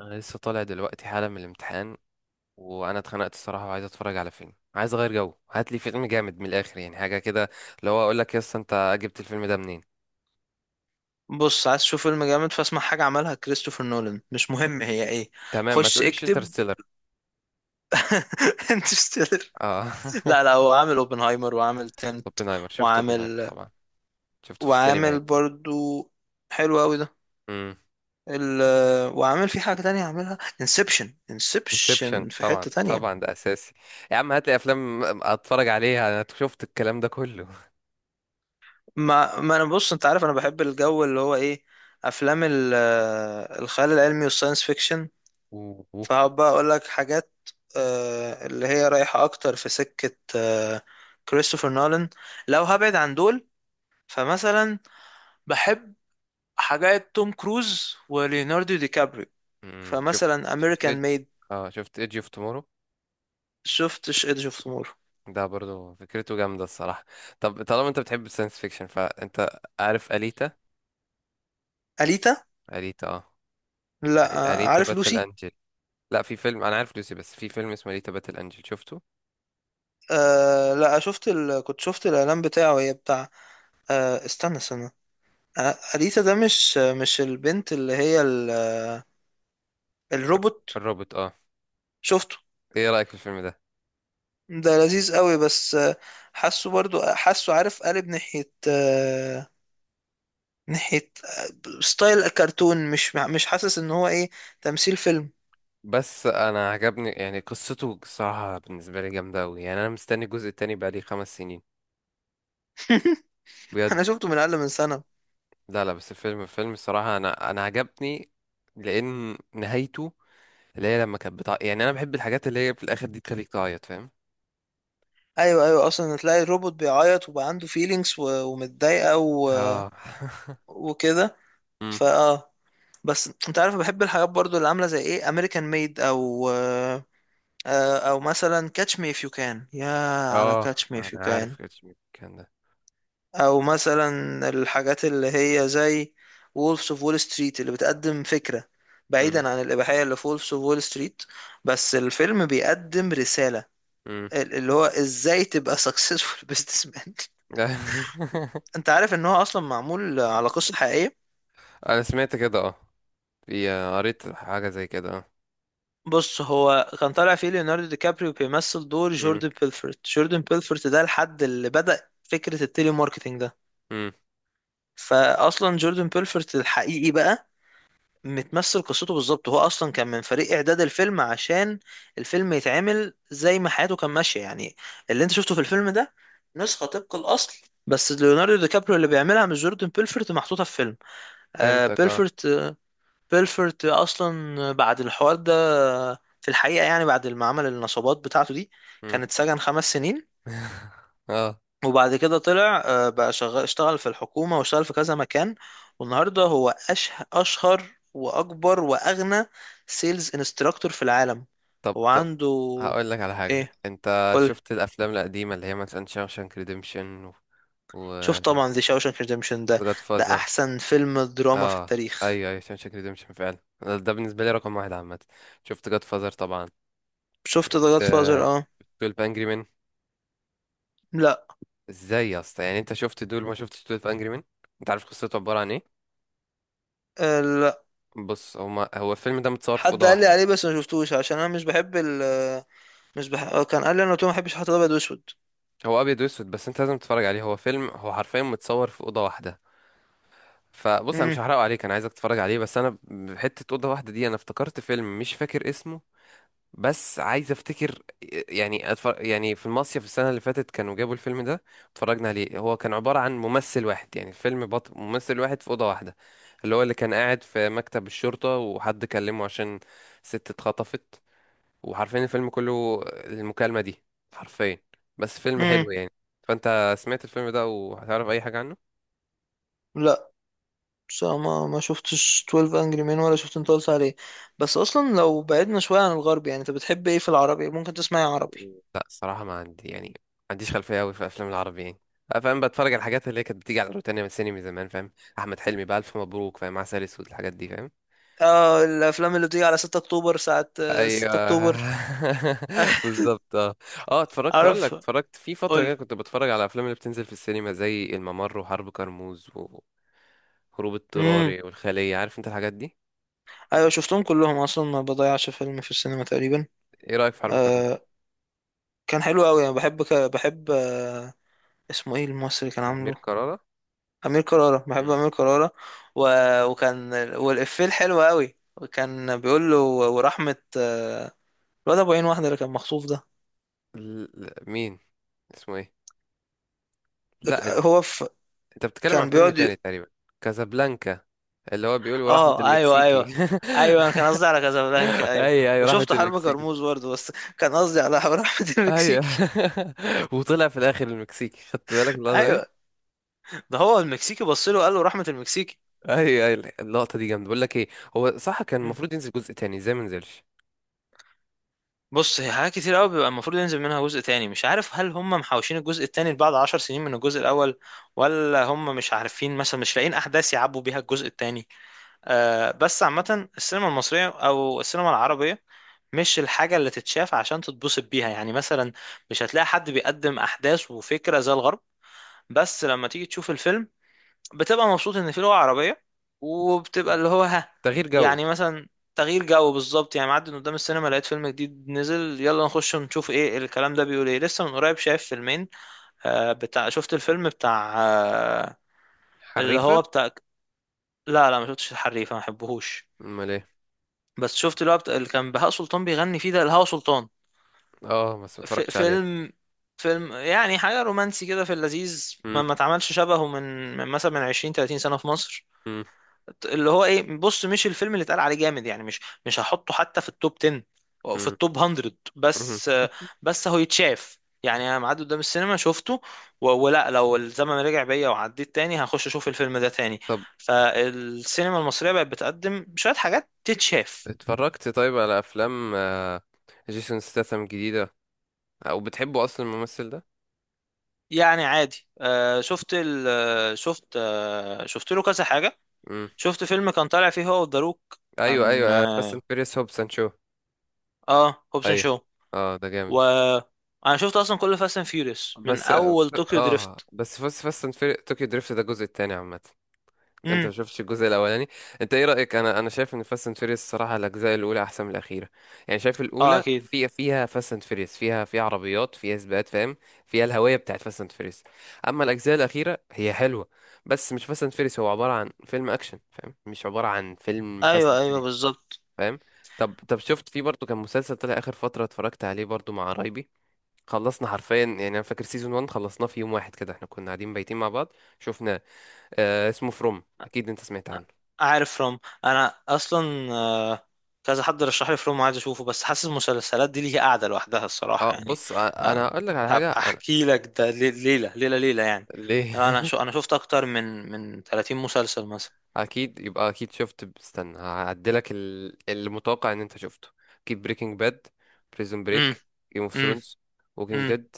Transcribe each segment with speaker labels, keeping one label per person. Speaker 1: انا لسه طالع دلوقتي حالا من الامتحان. وانا اتخنقت الصراحه وعايز اتفرج على فيلم، عايز اغير جو. هات لي فيلم جامد من الاخر، يعني حاجه كده، اللي هو اقول لك يا اسطى انت جبت الفيلم ده منين؟
Speaker 2: بص، عايز تشوف فيلم جامد؟ فاسمع حاجة عملها كريستوفر نولان، مش مهم هي ايه.
Speaker 1: تمام، ما
Speaker 2: خش
Speaker 1: تقوليش
Speaker 2: اكتب.
Speaker 1: انترستيلر.
Speaker 2: انترستيلر.
Speaker 1: اه.
Speaker 2: لا، لا، هو عامل اوبنهايمر وعامل تنت.
Speaker 1: اوبنهايمر، شفت اوبنهايمر
Speaker 2: وعامل
Speaker 1: طبعا. شفته في السينما
Speaker 2: وعامل
Speaker 1: يعني.
Speaker 2: برضو. حلو قوي ده.
Speaker 1: امم.
Speaker 2: ال... وعامل في حاجة تانية عاملها انسبشن.
Speaker 1: انسبشن،
Speaker 2: انسبشن في
Speaker 1: طبعا
Speaker 2: حتة تانية.
Speaker 1: طبعا ده اساسي. يا عم هات لي افلام اتفرج عليها، انا شفت الكلام ده كله.
Speaker 2: ما ما انا، بص، انت عارف انا بحب الجو اللي هو ايه، افلام الخيال العلمي والساينس فيكشن.
Speaker 1: اوه.
Speaker 2: فهبقى اقول لك حاجات اللي هي رايحة اكتر في سكة كريستوفر نولان. لو هبعد عن دول، فمثلا بحب حاجات توم كروز وليوناردو دي كابريو.
Speaker 1: شفت.
Speaker 2: فمثلا
Speaker 1: شفت
Speaker 2: امريكان
Speaker 1: ايدج.
Speaker 2: ميد.
Speaker 1: اه شفت ايدج اوف تومورو،
Speaker 2: شفتش ايدج اوف تومورو؟
Speaker 1: ده برضو فكرته جامدة الصراحة. طب طالما انت بتحب الساينس فيكشن، فانت عارف أليتا؟
Speaker 2: اليتا.
Speaker 1: أليتا اه.
Speaker 2: لا.
Speaker 1: أليتا
Speaker 2: عارف
Speaker 1: باتل
Speaker 2: لوسي.
Speaker 1: أنجل. لا، في فيلم انا عارف لوسي، بس في فيلم اسمه أليتا باتل أنجل، شفته؟
Speaker 2: لا، شفت كنت شفت الاعلان بتاعه، هي بتاع. استنى، استنى. اليتا ده، مش البنت اللي هي الروبوت.
Speaker 1: الروبوت اه.
Speaker 2: شفته.
Speaker 1: ايه رأيك في الفيلم ده؟
Speaker 2: ده لذيذ قوي، بس حاسه، برضو حاسه، عارف قالب ناحية ناحية ستايل كرتون. مش حاسس ان هو ايه، تمثيل فيلم.
Speaker 1: بس انا عجبني، يعني قصته الصراحة بالنسبة لي جامدة اوي. يعني انا مستني الجزء التاني بقالي خمس سنين،
Speaker 2: انا
Speaker 1: بجد.
Speaker 2: شفته من اقل من سنة.
Speaker 1: لا، بس الفيلم فيلم الصراحة انا عجبني. لان نهايته، اللي هي لما كانت بتاع، يعني انا بحب الحاجات اللي هي في الاخر دي تخليك تعيط، فاهم؟
Speaker 2: ايوه، ايوه، اصلا تلاقي الروبوت بيعيط وبقى عنده فيلينجز ومتضايقة
Speaker 1: اه.
Speaker 2: وكده. فاه. بس انت عارف بحب الحاجات برضو اللي عاملة زي ايه امريكان ميد او او مثلا كاتش مي اف يو كان، يا، على
Speaker 1: اه.
Speaker 2: كاتش مي اف يو
Speaker 1: انا عارف
Speaker 2: كان.
Speaker 1: كاتش مي كان ده.
Speaker 2: او مثلا الحاجات اللي هي زي وولفز اوف وول ستريت، اللي بتقدم فكرة،
Speaker 1: مم.
Speaker 2: بعيدا عن الإباحية اللي في وولفز اوف وول ستريت. بس الفيلم بيقدم رسالة،
Speaker 1: مم.
Speaker 2: اللي هو ازاي تبقى سكسسفول بزنس مان. انت عارف ان هو اصلا معمول على قصة حقيقية؟
Speaker 1: انا سمعت كده اه. في قريت حاجة زي كده اه.
Speaker 2: بص، هو كان طالع فيه ليوناردو دي كابريو بيمثل دور
Speaker 1: مم.
Speaker 2: جوردن بيلفورت. جوردن بيلفورت ده الحد اللي بدأ فكرة التيلي ماركتينج ده.
Speaker 1: مم.
Speaker 2: فاصلا جوردن بيلفورت الحقيقي بقى متمثل قصته بالظبط. هو اصلا كان من فريق اعداد الفيلم عشان الفيلم يتعمل زي ما حياته كان ماشيه يعني. اللي انت شفته في الفيلم ده نسخه طبق الاصل. بس ليوناردو دي كابريو اللي بيعملها مش جوردن بيلفورت محطوطه في فيلم.
Speaker 1: فهمتك اه.
Speaker 2: بيلفورت. بيلفورت اصلا بعد الحوار ده، في الحقيقه يعني، بعد ما عمل النصابات بتاعته دي،
Speaker 1: مم.
Speaker 2: كان اتسجن خمس سنين.
Speaker 1: اه.
Speaker 2: وبعد كده طلع، بقى شغال، اشتغل في الحكومة واشتغل في كذا مكان. والنهاردة هو أشهر وأكبر وأغنى سيلز انستراكتور في العالم.
Speaker 1: طب
Speaker 2: هو
Speaker 1: طب،
Speaker 2: عنده.
Speaker 1: هقول لك على حاجة،
Speaker 2: إيه،
Speaker 1: انت
Speaker 2: قول.
Speaker 1: شفت الافلام القديمة اللي هي مثلا شاوشانك ريديمشن و، و
Speaker 2: شوف، طبعا ذا شاوشانك ريديمشن ده
Speaker 1: جاد
Speaker 2: ده
Speaker 1: فازر؟
Speaker 2: أحسن فيلم دراما في
Speaker 1: اه.
Speaker 2: التاريخ.
Speaker 1: ايوه ايوه، شاوشانك ريديمشن فعلا، ده بالنسبة لي رقم واحد عامة. شفت جاد فازر طبعا.
Speaker 2: شفت ذا
Speaker 1: شفت
Speaker 2: جاد فازر. اه.
Speaker 1: 12 Angry Men؟
Speaker 2: لا.
Speaker 1: ازاي يا اسطى يعني انت شفت دول ما شفتش دول في انجري مان؟ انت عارف قصته عباره عن ايه؟
Speaker 2: لا،
Speaker 1: بص، هو الفيلم ده متصور في
Speaker 2: حد
Speaker 1: اوضه
Speaker 2: قال لي
Speaker 1: واحده.
Speaker 2: عليه بس ما شفتوش عشان انا مش بحب ال مش بح... آه، كان قال لي، انا قلت له ما بحبش الحاجات الابيض واسود.
Speaker 1: هو ابيض واسود، بس انت لازم تتفرج عليه، هو فيلم، هو حرفيا متصور في اوضه واحده. فبص، انا
Speaker 2: امم
Speaker 1: مش هحرقه عليك، انا عايزك تتفرج عليه. بس انا بحته اوضه واحده دي، انا افتكرت فيلم مش فاكر اسمه، بس عايز افتكر. يعني في المصيف السنه اللي فاتت كانوا جابوا الفيلم ده، اتفرجنا عليه. هو كان عباره عن ممثل واحد، ممثل واحد في اوضه واحده، اللي هو اللي كان قاعد في مكتب الشرطه وحد كلمه عشان ست اتخطفت، وحرفيا الفيلم كله المكالمه دي، حرفيا. بس فيلم
Speaker 2: امم
Speaker 1: حلو يعني. فانت سمعت الفيلم ده وهتعرف اي حاجه عنه؟
Speaker 2: لا. بس ما شفتش 12 انجري مين ولا شفت انت قلت عليه. بس اصلا لو بعدنا شويه عن الغرب، يعني انت بتحب ايه في العربي؟ ممكن تسمعي عربي؟
Speaker 1: لا الصراحه ما عندي، يعني ما عنديش خلفيه قوي في افلام العربي يعني. فاهم، بتفرج على الحاجات اللي هي كانت بتيجي على روتانا من السينما زمان، فاهم. احمد حلمي بقى، الف مبروك فاهم، عسل اسود، الحاجات دي فاهم.
Speaker 2: اه. الافلام اللي بتيجي على 6 اكتوبر، ساعه
Speaker 1: ايوه.
Speaker 2: 6 اكتوبر.
Speaker 1: بالظبط اه. اه اتفرجت، اقول لك،
Speaker 2: عارف،
Speaker 1: اتفرجت في فتره
Speaker 2: قول.
Speaker 1: كده كنت بتفرج على الافلام اللي بتنزل في السينما زي الممر وحرب كرموز وهروب
Speaker 2: امم
Speaker 1: اضطراري والخليه، عارف انت الحاجات دي.
Speaker 2: ايوه، شفتهم كلهم، اصلا ما بضيعش فيلم في السينما تقريبا.
Speaker 1: ايه رايك في حرب كرموز؟
Speaker 2: آه كان حلو قوي. انا بحب بحب اسمه ايه الممثل اللي كان
Speaker 1: امير
Speaker 2: عامله؟
Speaker 1: كرارة.
Speaker 2: امير كرارة. بحب
Speaker 1: مم.
Speaker 2: امير كرارة. و... وكان والافيه الحلو قوي، وكان بيقول له ورحمه، الواد ابو عين واحد اللي كان مخطوف ده.
Speaker 1: مين؟ اسمه ايه؟ لا
Speaker 2: هو في،
Speaker 1: انت بتتكلم عن
Speaker 2: كان
Speaker 1: فيلم
Speaker 2: بيقعد
Speaker 1: تاني تقريبا. كازابلانكا، اللي هو بيقول رحمة
Speaker 2: اه، ايوه،
Speaker 1: المكسيكي.
Speaker 2: ايوه. ايوه، انا كان قصدي على كازابلانكا، ايوه.
Speaker 1: ايوه ايوه، رحمة
Speaker 2: وشفت حرب
Speaker 1: المكسيكي.
Speaker 2: كرموز برضه، بس كان قصدي على حرب رحمة
Speaker 1: ايوه.
Speaker 2: المكسيكي.
Speaker 1: وطلع في الاخر المكسيكي، خدت بالك من اللقطة دي؟
Speaker 2: ايوه. ده هو المكسيكي، بص له وقال له، رحمة المكسيكي.
Speaker 1: ايوه ايوه اللقطة دي جامدة. بقول لك ايه، هو صح كان
Speaker 2: مم.
Speaker 1: المفروض ينزل جزء تاني، ازاي ما نزلش؟
Speaker 2: بص، هي حاجات كتير قوي بيبقى المفروض ينزل منها جزء تاني. مش عارف هل هم محوشين الجزء التاني بعد عشر سنين من الجزء الاول، ولا هم مش عارفين مثلا مش لاقيين احداث يعبوا بيها الجزء التاني. بس عامة السينما المصرية أو السينما العربية مش الحاجة اللي تتشاف عشان تتبسط بيها، يعني مثلا مش هتلاقي حد بيقدم أحداث وفكرة زي الغرب. بس لما تيجي تشوف الفيلم بتبقى مبسوط إن في لغة عربية، وبتبقى
Speaker 1: مم.
Speaker 2: اللي هو، ها،
Speaker 1: تغيير جو.
Speaker 2: يعني مثلا، تغيير جو بالظبط. يعني معدي من قدام السينما لقيت فيلم جديد نزل، يلا نخش ونشوف ايه الكلام ده بيقول ايه. لسه من قريب شايف فيلمين، بتاع، شفت الفيلم بتاع اللي
Speaker 1: حريفة.
Speaker 2: هو بتاع. لا، لا، ما شفتش الحريفة، ما بحبهوش.
Speaker 1: امال ايه؟
Speaker 2: بس شفت اللي هو اللي كان بهاء سلطان بيغني فيه، ده الهوا سلطان.
Speaker 1: اه بس ما
Speaker 2: ف...
Speaker 1: اتفرجتش عليه.
Speaker 2: فيلم فيلم، يعني حاجة رومانسي كده، في اللذيذ، ما
Speaker 1: مم،
Speaker 2: ما اتعملش شبهه من مثلا من 20 30 سنة في مصر.
Speaker 1: مم،
Speaker 2: اللي هو ايه، بص، مش الفيلم اللي اتقال عليه جامد، يعني مش هحطه حتى في التوب 10 او في
Speaker 1: مم،
Speaker 2: التوب 100.
Speaker 1: مم.
Speaker 2: بس بس هو يتشاف، يعني انا معدي قدام السينما شفته. ولا لو الزمن رجع بيا وعديت تاني هخش اشوف الفيلم ده تاني.
Speaker 1: طب
Speaker 2: فالسينما المصرية بقت بتقدم شوية حاجات تتشاف.
Speaker 1: اتفرجت طيب على افلام جيسون ستاثام جديدة؟ او بتحبه اصلا الممثل
Speaker 2: يعني عادي. شفت ال آه، شفت شفت له كذا حاجة.
Speaker 1: ده؟
Speaker 2: شفت فيلم كان طالع فيه هو وداروك.
Speaker 1: ايوه
Speaker 2: كان
Speaker 1: ايوه، بس انت فيريس هوب سانشو.
Speaker 2: هوبسون
Speaker 1: ايوه.
Speaker 2: شو.
Speaker 1: اه ده
Speaker 2: و،
Speaker 1: جامد.
Speaker 2: انا شفت اصلا كل فاست اند فيوريوس من
Speaker 1: بس اه،
Speaker 2: اول طوكيو دريفت.
Speaker 1: بس فاست اند فيريس طوكيو دريفت ده الجزء التاني عامه. انت ما
Speaker 2: امم
Speaker 1: شفتش الجزء الاولاني؟ انت ايه رايك، انا شايف ان فاست اند فيريس الصراحه الاجزاء الاولى احسن من الاخيره. يعني شايف
Speaker 2: اه،
Speaker 1: الاولى
Speaker 2: اكيد.
Speaker 1: فيها فاست اند فيريس، فيها عربيات، فيها سباقات، فاهم؟ فيها الهويه بتاعت فاست اند فيريس. اما الاجزاء الاخيره هي حلوه، بس مش فاست اند فيريس، هو عباره عن فيلم اكشن فاهم، مش عباره عن فيلم فاست
Speaker 2: ايوه، ايوه،
Speaker 1: اند.
Speaker 2: بالظبط.
Speaker 1: فاهم؟ طب طب، شفت في برضه كان مسلسل طلع اخر فتره، اتفرجت عليه برضه مع قرايبي، خلصنا حرفيا. يعني انا فاكر سيزون 1 خلصناه في يوم واحد كده، احنا كنا قاعدين بايتين مع بعض، شفناه. آه اسمه فروم، اكيد انت سمعت عنه.
Speaker 2: عارف فروم. انا اصلا كذا حد رشح لي فروم وعايز اشوفه، بس حاسس المسلسلات دي ليها قاعدة لوحدها
Speaker 1: اه
Speaker 2: الصراحة يعني.
Speaker 1: بص، انا
Speaker 2: آه
Speaker 1: هقول لك على حاجه
Speaker 2: هبقى
Speaker 1: انا.
Speaker 2: احكي لك ده ليلة ليلة ليلة يعني.
Speaker 1: ليه؟
Speaker 2: انا شفت اكتر من 30 مسلسل مثلا.
Speaker 1: اكيد يبقى، اكيد شفت، استنى هعدلك المتوقع ان انت شفته. اكيد بريكنج باد، بريزون بريك، جيم اوف
Speaker 2: امم
Speaker 1: ثرونز. ووكينج
Speaker 2: امم
Speaker 1: ديد،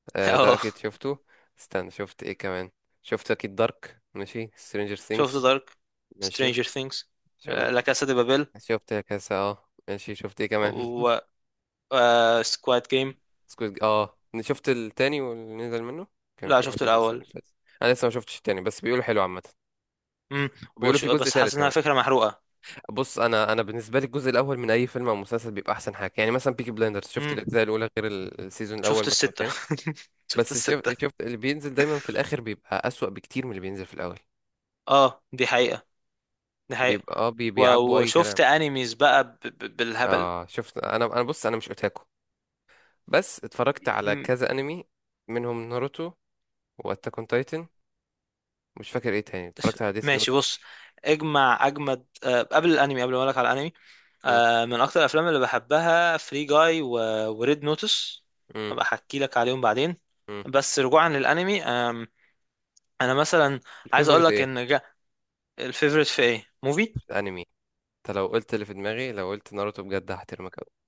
Speaker 1: ده
Speaker 2: اه،
Speaker 1: اكيد شفته. استنى شفت ايه كمان؟ شفت اكيد دارك، ماشي، سترينجر
Speaker 2: شفت
Speaker 1: ثينجز؟
Speaker 2: دارك،
Speaker 1: ماشي.
Speaker 2: سترينجر ثينجز.
Speaker 1: شو؟
Speaker 2: لا كاسا دي بابيل،
Speaker 1: شفت كاسة، اه ماشي. شفت ايه كمان؟
Speaker 2: و سكواد جيم.
Speaker 1: سكوت، اه شفت التاني واللي نزل منه، كان
Speaker 2: لا،
Speaker 1: في
Speaker 2: شفت
Speaker 1: واحد نزل السنة
Speaker 2: الاول.
Speaker 1: اللي فاتت. انا لسه ما شفتش التاني بس بيقولوا حلو عامة.
Speaker 2: امم
Speaker 1: بيقولوا في جزء
Speaker 2: بس
Speaker 1: تالت
Speaker 2: حاسس انها
Speaker 1: كمان.
Speaker 2: فكره محروقه.
Speaker 1: بص، انا بالنسبة لي الجزء الاول من اي فيلم او مسلسل بيبقى احسن حاجة. يعني مثلا بيكي بلايندرز، شفت
Speaker 2: امم
Speaker 1: الاجزاء الاولى غير السيزون الاول
Speaker 2: شفت
Speaker 1: مثلا
Speaker 2: السته.
Speaker 1: التاني.
Speaker 2: شفت
Speaker 1: بس
Speaker 2: السته.
Speaker 1: شفت اللي بينزل دايما في الاخر بيبقى اسوأ بكتير من اللي بينزل في الاول.
Speaker 2: اه، دي حقيقه، دي حقيقه.
Speaker 1: بيبقى اه، بيعبوا اي كلام.
Speaker 2: وشفت انيميز بقى بالهبل.
Speaker 1: اه شفت، انا بص انا مش اوتاكو، بس اتفرجت على
Speaker 2: مم.
Speaker 1: كذا انمي، منهم ناروتو، واتاك اون تايتن. مش فاكر ايه تاني، اتفرجت على ديث
Speaker 2: ماشي،
Speaker 1: نوت.
Speaker 2: بص. اجمد، قبل الانمي، قبل ما اقول لك على الانمي، من اكتر الافلام اللي بحبها فري جاي وريد نوتس. ابقى احكي لك عليهم بعدين. بس رجوعا للانمي، انا مثلا، عايز اقول
Speaker 1: الفيفوريت
Speaker 2: لك
Speaker 1: ايه؟
Speaker 2: ان الفيفوريت في ايه موفي؟
Speaker 1: الانمي. انت لو قلت اللي في دماغي، لو قلت ناروتو بجد هحترمك قوي.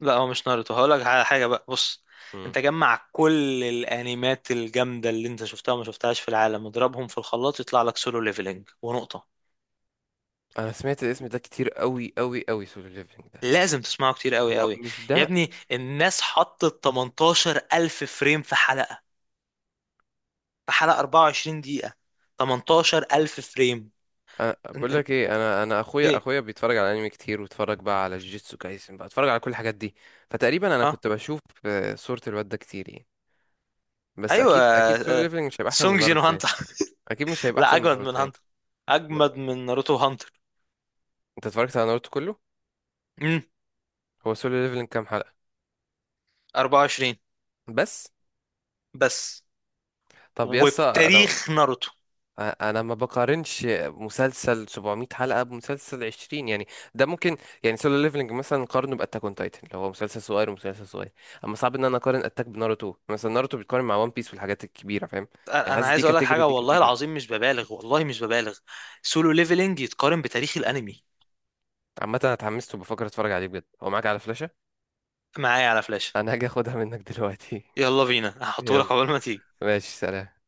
Speaker 2: لا، هو مش ناruto. هقول لك على حاجه بقى، بص.
Speaker 1: مم.
Speaker 2: انت جمع كل الانيمات الجامده اللي انت شفتها وما شفتهاش في العالم، اضربهم في الخلاط يطلع لك سولو ليفلنج ونقطه.
Speaker 1: انا سمعت الاسم ده كتير قوي قوي قوي، سولو ليفلينج ده.
Speaker 2: لازم تسمعه كتير قوي
Speaker 1: هو
Speaker 2: قوي.
Speaker 1: مش
Speaker 2: يا
Speaker 1: ده؟
Speaker 2: ابني، الناس حطت 18000 فريم في حلقه. في حلقة 24 دقيقة، 18000 فريم.
Speaker 1: أنا
Speaker 2: إن-
Speaker 1: بقول
Speaker 2: إن-
Speaker 1: لك ايه، انا اخويا
Speaker 2: ايه،
Speaker 1: اخويا بيتفرج على انمي كتير، واتفرج على جيتسو كايسن، اتفرج على كل الحاجات دي. فتقريبا انا
Speaker 2: اه،
Speaker 1: كنت بشوف صورة الواد ده كتير يعني. بس
Speaker 2: ايوه،
Speaker 1: اكيد اكيد سولو ليفلينج مش هيبقى احسن من
Speaker 2: سونج جين
Speaker 1: ناروتو تاني.
Speaker 2: هانتر.
Speaker 1: اكيد مش هيبقى
Speaker 2: لا،
Speaker 1: احسن من
Speaker 2: اجمد
Speaker 1: ناروتو
Speaker 2: من
Speaker 1: تاني.
Speaker 2: هانتر، اجمد من ناروتو هانتر.
Speaker 1: انت اتفرجت على ناروتو كله؟
Speaker 2: امم
Speaker 1: هو سولو ليفلينج كام حلقة؟
Speaker 2: 24
Speaker 1: بس؟
Speaker 2: بس.
Speaker 1: طب يا اسطى انا،
Speaker 2: وبتاريخ ناروتو،
Speaker 1: انا ما بقارنش مسلسل 700 حلقه بمسلسل 20 يعني، ده ممكن. يعني سولو ليفلنج مثلا نقارنه باتاك اون تايتن، لو هو مسلسل صغير ومسلسل صغير. اما صعب ان انا اقارن اتاك بناروتو مثلا، ناروتو بيتقارن مع وان بيس والحاجات الكبيره، فاهم؟
Speaker 2: انا
Speaker 1: يعني
Speaker 2: أنا
Speaker 1: حاسس دي
Speaker 2: عايز اقول لك
Speaker 1: كاتيجوري،
Speaker 2: حاجه،
Speaker 1: دي
Speaker 2: والله
Speaker 1: كاتيجوري.
Speaker 2: العظيم مش ببالغ، والله مش ببالغ. سولو ليفلينج يتقارن بتاريخ الانمي.
Speaker 1: عامه انا اتحمست وبفكر اتفرج عليه بجد. هو معاك على فلاشه؟
Speaker 2: معايا على فلاش.
Speaker 1: انا هاجي اخدها منك دلوقتي.
Speaker 2: يلا بينا، هحطه لك
Speaker 1: يلا.
Speaker 2: قبل ما تيجي.
Speaker 1: ماشي سلام.